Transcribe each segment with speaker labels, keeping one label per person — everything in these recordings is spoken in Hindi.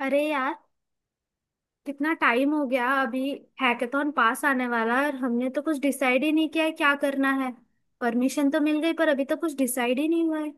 Speaker 1: अरे यार। कितना टाइम हो गया अभी। हैकेथॉन पास आने वाला है और हमने तो कुछ डिसाइड ही नहीं किया है क्या करना है। परमिशन तो मिल गई पर अभी तो कुछ डिसाइड ही नहीं हुआ है।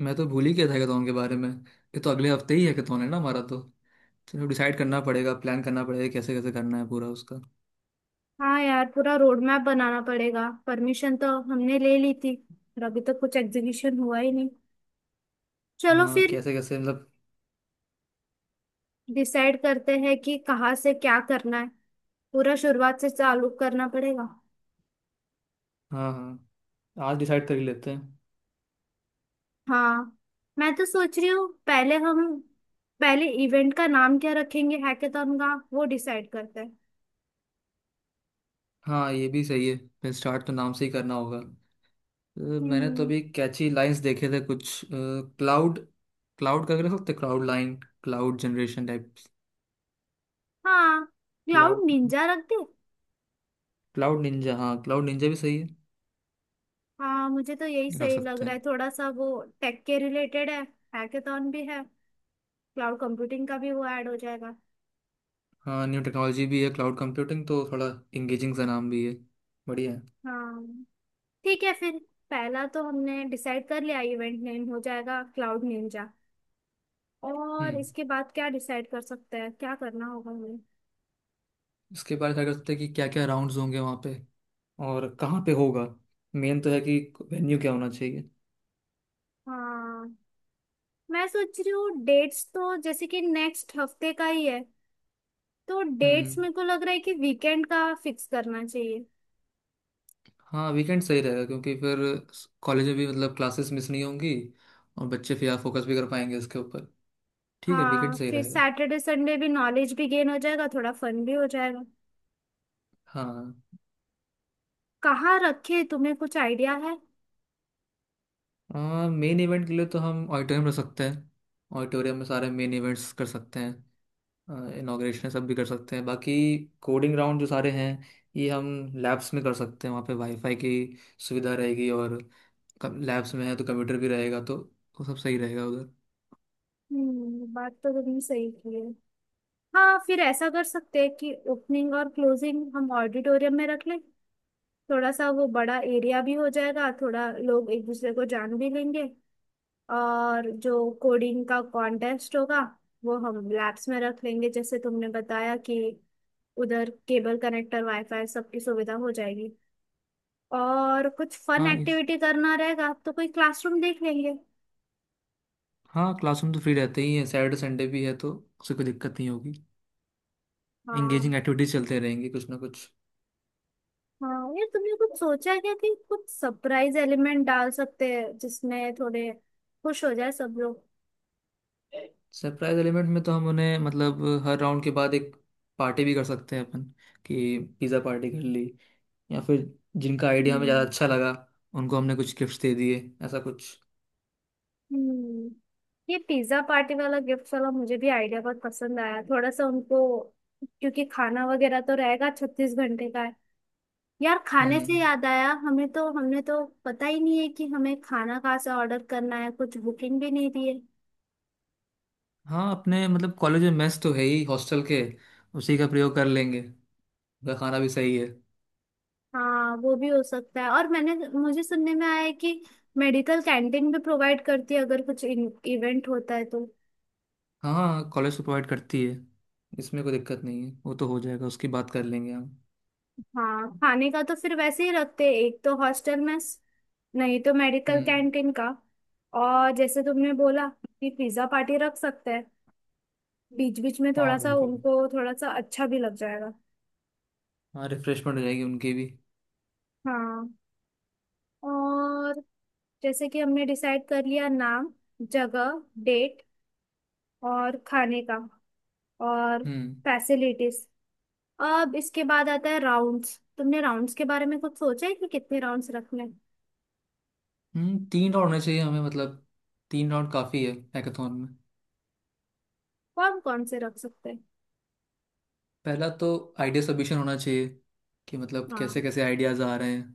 Speaker 2: मैं तो भूल ही गया था हैकाथॉन के बारे में। ये तो अगले हफ्ते ही हैकाथॉन है ना हमारा तो। चलो, डिसाइड करना पड़ेगा, प्लान करना पड़ेगा कैसे कैसे करना है पूरा उसका।
Speaker 1: हाँ यार, पूरा रोड मैप बनाना पड़ेगा। परमिशन तो हमने ले ली थी पर अभी तो कुछ एग्जीक्यूशन हुआ ही नहीं। चलो
Speaker 2: हाँ,
Speaker 1: फिर
Speaker 2: कैसे कैसे मतलब।
Speaker 1: डिसाइड करते हैं कि कहाँ से क्या करना है। पूरा शुरुआत से चालू करना पड़ेगा।
Speaker 2: हाँ, हाँ। आज डिसाइड कर ही लेते हैं।
Speaker 1: हाँ, मैं तो सोच रही हूँ पहले हम, पहले इवेंट का नाम क्या रखेंगे हैकेथॉन का, वो डिसाइड करते हैं।
Speaker 2: हाँ, ये भी सही है। फिर स्टार्ट तो नाम से ही करना होगा। तो मैंने तो
Speaker 1: हम्म।
Speaker 2: अभी कैची लाइंस देखे थे कुछ, क्लाउड, क्लाउड करके रख सकते, cloud line, cloud generation type.
Speaker 1: हाँ यार,
Speaker 2: क्लाउड,
Speaker 1: निंजा रख दे।
Speaker 2: क्लाउड निंजा, हाँ, क्लाउड निंजा भी सही है।
Speaker 1: हाँ, मुझे तो यही
Speaker 2: रख
Speaker 1: सही लग
Speaker 2: सकते
Speaker 1: रहा है,
Speaker 2: हैं।
Speaker 1: थोड़ा सा वो टेक के रिलेटेड है, हैकेथॉन भी है, क्लाउड कंप्यूटिंग का भी वो ऐड हो जाएगा।
Speaker 2: हाँ, न्यू टेक्नोलॉजी भी है क्लाउड कंप्यूटिंग तो, थोड़ा इंगेजिंग सा नाम भी है। बढ़िया है।
Speaker 1: हाँ, ठीक है फिर। पहला तो हमने डिसाइड कर लिया, इवेंट नेम हो जाएगा क्लाउड निंजा। और
Speaker 2: हम्म।
Speaker 1: इसके बाद क्या डिसाइड कर सकते हैं, क्या करना होगा हमें।
Speaker 2: इसके बारे में क्या कर सकते हैं कि क्या क्या राउंड्स होंगे वहाँ पे, और कहाँ पे होगा। मेन तो है कि वेन्यू क्या होना चाहिए।
Speaker 1: हाँ, मैं सोच रही हूँ डेट्स तो जैसे कि नेक्स्ट हफ्ते का ही है, तो
Speaker 2: हम्म।
Speaker 1: डेट्स मेरे को लग रहा है कि वीकेंड का फिक्स करना चाहिए।
Speaker 2: हाँ, वीकेंड सही रहेगा क्योंकि फिर कॉलेज में भी मतलब क्लासेस मिस नहीं होंगी और बच्चे फिर फोकस भी कर पाएंगे इसके ऊपर। ठीक है, वीकेंड
Speaker 1: हाँ,
Speaker 2: सही
Speaker 1: फिर
Speaker 2: रहेगा।
Speaker 1: सैटरडे संडे भी, नॉलेज भी गेन हो जाएगा, थोड़ा फन भी हो जाएगा।
Speaker 2: हाँ,
Speaker 1: कहाँ रखे, तुम्हें कुछ आइडिया है?
Speaker 2: हाँ। मेन इवेंट के लिए तो हम ऑडिटोरियम रख सकते हैं। ऑडिटोरियम में सारे मेन इवेंट्स कर सकते हैं, इनाग्रेशन सब भी कर सकते हैं। बाकी कोडिंग राउंड जो सारे हैं ये हम लैब्स में कर सकते हैं, वहाँ पे वाईफाई की सुविधा रहेगी, और लैब्स में है तो कंप्यूटर भी रहेगा तो वो सब सही रहेगा उधर।
Speaker 1: बात तो तुमने सही की है। हाँ फिर ऐसा कर सकते हैं कि ओपनिंग और क्लोजिंग हम ऑडिटोरियम में रख लें। थोड़ा सा वो बड़ा एरिया भी हो जाएगा, थोड़ा लोग एक दूसरे को जान भी लेंगे। और जो कोडिंग का कॉन्टेस्ट होगा वो हम लैब्स में रख लेंगे, जैसे तुमने बताया कि उधर केबल कनेक्टर वाईफाई सबकी सुविधा हो जाएगी। और कुछ फन
Speaker 2: हाँ इस
Speaker 1: एक्टिविटी करना रहेगा तो कोई क्लासरूम देख लेंगे।
Speaker 2: हाँ, क्लासरूम तो फ्री रहते ही हैं, सैटरडे संडे भी है तो उससे कोई दिक्कत नहीं होगी।
Speaker 1: हाँ
Speaker 2: एंगेजिंग एक्टिविटीज चलते रहेंगे कुछ ना कुछ।
Speaker 1: हाँ। ये तुमने कुछ सोचा है क्या कि कुछ सरप्राइज एलिमेंट डाल सकते हैं जिसमें थोड़े खुश हो जाए सब लोग?
Speaker 2: सरप्राइज एलिमेंट में तो हम उन्हें मतलब हर राउंड के बाद एक पार्टी भी कर सकते हैं अपन, कि पिज़्ज़ा पार्टी कर ली, या फिर जिनका आइडिया हमें ज़्यादा
Speaker 1: हम्म
Speaker 2: अच्छा लगा उनको हमने कुछ गिफ्ट्स दे दिए, ऐसा कुछ।
Speaker 1: हम्म ये पिज्जा पार्टी वाला, गिफ्ट वाला मुझे भी आइडिया बहुत पसंद आया, थोड़ा सा उनको, क्योंकि खाना वगैरह तो रहेगा, 36 घंटे का है। यार, खाने से
Speaker 2: हम्म
Speaker 1: याद आया, हमें तो, हमने तो पता ही नहीं है कि हमें खाना कहाँ से ऑर्डर करना है, कुछ बुकिंग भी नहीं दी है।
Speaker 2: हाँ, अपने मतलब कॉलेज में मेस तो है ही हॉस्टल के, उसी का प्रयोग कर लेंगे। उनका खाना भी सही है।
Speaker 1: हाँ वो भी हो सकता है, और मैंने, मुझे सुनने में आया है कि मेडिकल कैंटीन भी प्रोवाइड करती है अगर कुछ इवेंट होता है तो।
Speaker 2: हाँ, हाँ, कॉलेज तो प्रोवाइड करती है, इसमें कोई दिक्कत नहीं है, वो तो हो जाएगा, उसकी बात कर लेंगे हम।
Speaker 1: हाँ खाने का तो फिर वैसे ही रखते हैं, एक तो हॉस्टल में, नहीं तो मेडिकल
Speaker 2: हम्म।
Speaker 1: कैंटीन का। और जैसे तुमने बोला कि पिज्जा पार्टी रख सकते हैं बीच बीच में,
Speaker 2: हाँ,
Speaker 1: थोड़ा सा
Speaker 2: बिल्कुल।
Speaker 1: उनको थोड़ा सा अच्छा भी लग जाएगा।
Speaker 2: हाँ, रिफ्रेशमेंट हो जाएगी उनकी भी।
Speaker 1: हाँ। और जैसे कि हमने डिसाइड कर लिया नाम, जगह, डेट, और खाने का, और
Speaker 2: हम्म।
Speaker 1: फैसिलिटीज। अब इसके बाद आता है राउंड्स। तुमने राउंड्स के बारे में कुछ सोचा है कि कितने राउंड्स रखने हैं?
Speaker 2: तीन राउंड होने चाहिए हमें मतलब, तीन राउंड काफ़ी है हैकाथॉन में।
Speaker 1: कौन कौन से रख सकते हैं?
Speaker 2: पहला तो आइडिया सबमिशन होना चाहिए, कि मतलब कैसे
Speaker 1: हाँ।
Speaker 2: कैसे आइडियाज़ आ रहे हैं।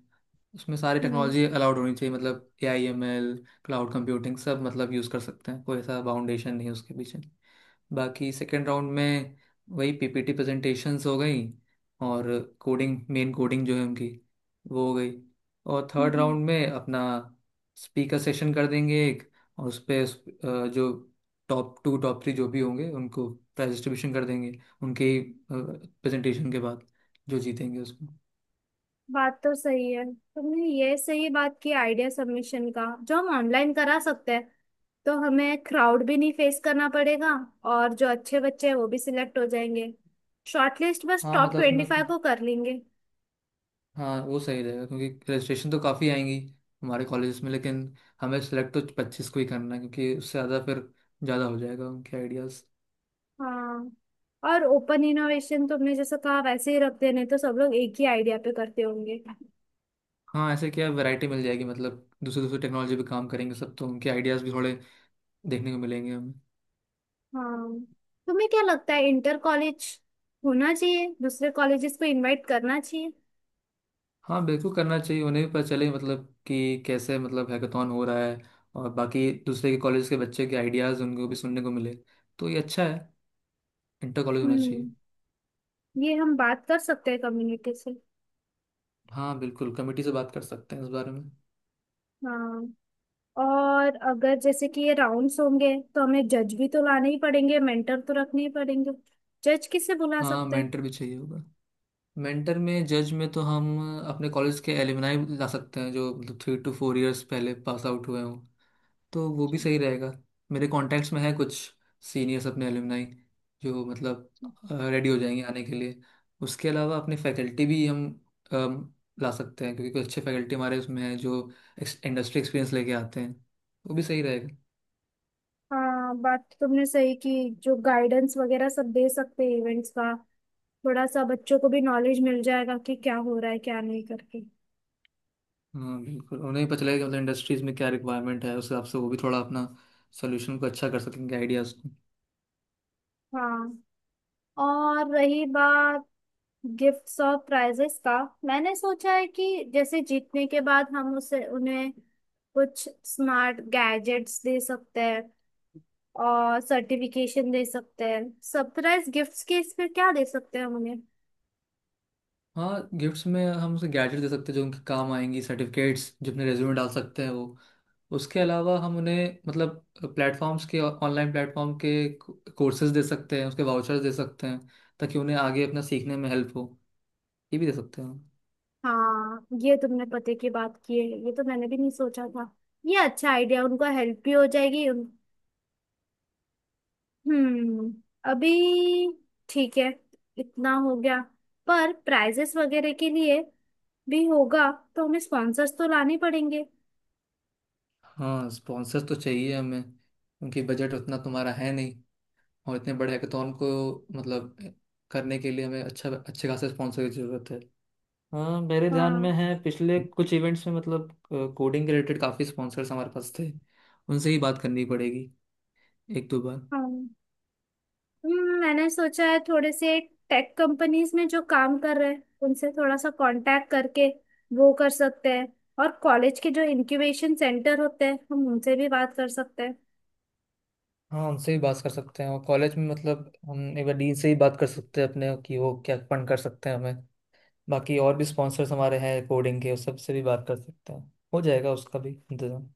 Speaker 2: उसमें सारी
Speaker 1: हम्म
Speaker 2: टेक्नोलॉजी अलाउड होनी चाहिए, मतलब AI ML, क्लाउड कंप्यूटिंग सब मतलब यूज़ कर सकते हैं, कोई ऐसा बाउंडेशन नहीं है उसके पीछे। बाकी सेकेंड राउंड में वही PPT प्रेजेंटेशंस हो गई और कोडिंग, मेन कोडिंग जो है उनकी वो हो गई। और
Speaker 1: हम्म,
Speaker 2: थर्ड
Speaker 1: हम्म,
Speaker 2: राउंड में अपना स्पीकर सेशन कर देंगे एक, और उस पे जो टॉप टू टॉप थ्री जो भी होंगे उनको प्राइज डिस्ट्रीब्यूशन कर देंगे उनके प्रेजेंटेशन के बाद, जो जीतेंगे उसको।
Speaker 1: बात तो सही है, तुमने ये सही बात की आइडिया सबमिशन का जो हम ऑनलाइन करा सकते हैं, तो हमें क्राउड भी नहीं फेस करना पड़ेगा और जो अच्छे बच्चे हैं वो भी सिलेक्ट हो जाएंगे। शॉर्टलिस्ट बस
Speaker 2: हाँ,
Speaker 1: टॉप
Speaker 2: मतलब उसमें,
Speaker 1: 25 को कर लेंगे।
Speaker 2: हाँ, वो सही रहेगा क्योंकि रजिस्ट्रेशन तो काफ़ी आएंगी हमारे कॉलेज में, लेकिन हमें सेलेक्ट तो 25 को ही करना है, क्योंकि उससे ज़्यादा फिर ज़्यादा हो जाएगा उनके आइडियाज़।
Speaker 1: हाँ। और ओपन इनोवेशन तुमने जैसा कहा वैसे ही रख देने तो सब लोग एक ही आइडिया पे करते होंगे।
Speaker 2: हाँ, ऐसे क्या वैरायटी मिल जाएगी, मतलब दूसरे दूसरे टेक्नोलॉजी पे काम करेंगे सब तो उनके आइडियाज़ भी थोड़े देखने को मिलेंगे हमें।
Speaker 1: हाँ। तुम्हें क्या लगता है, इंटर कॉलेज होना चाहिए, दूसरे कॉलेजेस को इनवाइट करना चाहिए?
Speaker 2: हाँ, बिल्कुल करना चाहिए, उन्हें भी पता चले मतलब कि कैसे मतलब हैकाथॉन हो रहा है, और बाकी दूसरे के कॉलेज के बच्चे के आइडियाज़ उनको भी सुनने को मिले, तो ये अच्छा है। इंटर कॉलेज होना चाहिए।
Speaker 1: हम्म ये हम बात कर सकते हैं कम्युनिटी से।
Speaker 2: हाँ, बिल्कुल कमेटी से बात कर सकते हैं इस बारे में।
Speaker 1: हाँ। और अगर जैसे कि ये राउंड्स होंगे तो हमें जज भी तो लाने ही पड़ेंगे, मेंटर तो रखने ही पड़ेंगे। जज किसे बुला
Speaker 2: हाँ,
Speaker 1: सकते हैं?
Speaker 2: मेंटर भी चाहिए होगा। मेंटर में जज में तो हम अपने कॉलेज के एलुमनाई ला सकते हैं जो मतलब 3 टू 4 इयर्स पहले पास आउट हुए हों, तो वो भी सही रहेगा। मेरे कॉन्टैक्ट्स में है कुछ सीनियर्स, अपने एलुमनाई, जो मतलब रेडी हो जाएंगे आने के लिए। उसके अलावा अपने फैकल्टी भी हम अम, ला सकते हैं, क्योंकि कुछ अच्छे फैकल्टी हमारे उसमें हैं जो इंडस्ट्री एक्सपीरियंस लेके आते हैं, वो भी सही रहेगा।
Speaker 1: हाँ, बात तो तुमने सही की, जो गाइडेंस वगैरह सब दे सकते हैं इवेंट्स का, थोड़ा सा बच्चों को भी नॉलेज मिल जाएगा कि क्या हो रहा है क्या नहीं करके।
Speaker 2: हाँ, बिल्कुल, उन्हें भी पता चलेगा कि मतलब इंडस्ट्रीज में क्या रिक्वायरमेंट है, उस हिसाब से वो भी थोड़ा अपना सोल्यूशन को अच्छा कर सकेंगे, आइडियाज़।
Speaker 1: हाँ। और रही बात गिफ्ट्स और प्राइजेस का, मैंने सोचा है कि जैसे जीतने के बाद हम उसे, उन्हें कुछ स्मार्ट गैजेट्स दे सकते हैं और सर्टिफिकेशन दे सकते हैं। सरप्राइज गिफ्ट्स के इसमें क्या दे सकते हैं हम उन्हें?
Speaker 2: हाँ, गिफ्ट्स में हम उसे गैजेट दे सकते हैं जो उनके काम आएंगी, सर्टिफिकेट्स जो अपने रेज्यूमे डाल सकते हैं वो, उसके अलावा हम उन्हें मतलब प्लेटफॉर्म्स के, ऑनलाइन प्लेटफॉर्म के कोर्सेज दे सकते हैं, उसके वाउचर्स दे सकते हैं, ताकि उन्हें आगे अपना सीखने में हेल्प हो, ये भी दे सकते हैं हम।
Speaker 1: हाँ, ये तुमने पते की बात की है, ये तो मैंने भी नहीं सोचा था। ये अच्छा आइडिया, उनको हेल्प भी हो जाएगी हम्म अभी ठीक है, इतना हो गया। पर प्राइजेस वगैरह के लिए भी होगा तो हमें स्पॉन्सर्स तो लाने पड़ेंगे।
Speaker 2: हाँ, स्पॉन्सर्स तो चाहिए हमें। उनकी बजट उतना तुम्हारा है, और इतने बड़े हैकाथॉन को मतलब करने के लिए हमें अच्छा, अच्छे खासे स्पॉन्सर की ज़रूरत है। हाँ, मेरे ध्यान
Speaker 1: हाँ।
Speaker 2: में है पिछले कुछ इवेंट्स में मतलब कोडिंग के रिलेटेड काफ़ी स्पॉन्सर्स हमारे पास थे, उनसे ही बात करनी पड़ेगी एक दो बार।
Speaker 1: हाँ, मैंने सोचा है थोड़े से टेक कंपनीज में जो काम कर रहे हैं उनसे थोड़ा सा कांटेक्ट करके वो कर सकते हैं। और कॉलेज के जो इनक्यूबेशन सेंटर होते हैं हम उनसे भी बात कर सकते हैं।
Speaker 2: हाँ, उनसे भी बात कर सकते हैं, और कॉलेज में मतलब हम एक बार डीन से ही बात कर सकते हैं अपने कि वो क्या फंड कर सकते हैं हमें। बाकी और भी स्पॉन्सर्स हमारे हैं कोडिंग के, उस सब से भी बात कर सकते हैं, हो जाएगा उसका भी इंतजाम।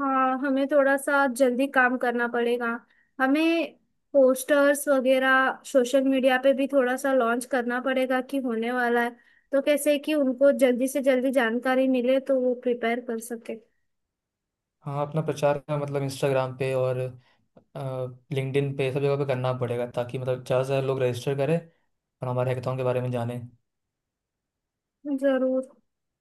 Speaker 1: हाँ, हमें थोड़ा सा जल्दी काम करना पड़ेगा। हमें पोस्टर्स वगैरह सोशल मीडिया पे भी थोड़ा सा लॉन्च करना पड़ेगा कि होने वाला है, तो कैसे कि उनको जल्दी से जल्दी जानकारी मिले तो वो प्रिपेयर कर सके।
Speaker 2: हाँ, अपना प्रचार का मतलब इंस्टाग्राम पे और लिंक्डइन पे सब जगह पे करना पड़ेगा, ताकि मतलब ज़्यादा से ज़्यादा लोग रजिस्टर करें और हमारे हैकेथॉन के बारे में जाने।
Speaker 1: जरूर।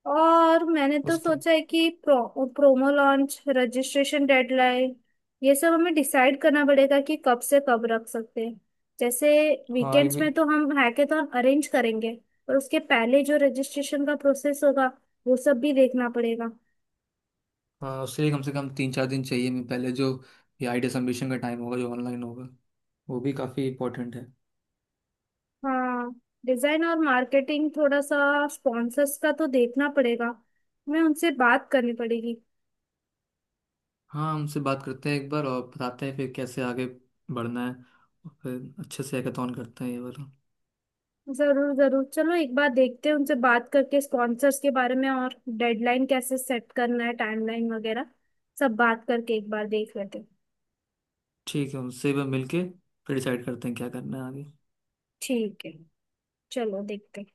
Speaker 1: और मैंने तो
Speaker 2: उसके,
Speaker 1: सोचा है कि प्रोमो लॉन्च, रजिस्ट्रेशन, डेडलाइन, ये सब हमें डिसाइड करना पड़ेगा कि कब से कब रख सकते हैं। जैसे
Speaker 2: हाँ, ये
Speaker 1: वीकेंड्स
Speaker 2: भी।
Speaker 1: में तो हम हैकेथॉन अरेंज करेंगे, पर उसके पहले जो रजिस्ट्रेशन का प्रोसेस होगा वो सब भी देखना पड़ेगा।
Speaker 2: हाँ, उससे कम से कम 3-4 दिन चाहिए मैं पहले, जो ये आइडिया सबमिशन का टाइम होगा जो ऑनलाइन होगा, वो भी काफ़ी इंपॉर्टेंट है।
Speaker 1: हाँ, डिजाइन और मार्केटिंग, थोड़ा सा स्पॉन्सर्स का तो देखना पड़ेगा, हमें उनसे बात करनी पड़ेगी।
Speaker 2: हाँ, उनसे बात करते हैं एक बार और बताते हैं फिर कैसे आगे बढ़ना है, और फिर अच्छे से हैकेथॉन करते हैं ये वाला।
Speaker 1: जरूर जरूर। चलो एक बार देखते हैं, उनसे बात करके स्पॉन्सर्स के बारे में, और डेडलाइन कैसे सेट करना है, टाइमलाइन वगैरह सब बात करके एक बार देख लेते हैं।
Speaker 2: ठीक है, उनसे भी मिलके फिर डिसाइड करते हैं क्या करना है आगे।
Speaker 1: ठीक है। चलो देखते हैं।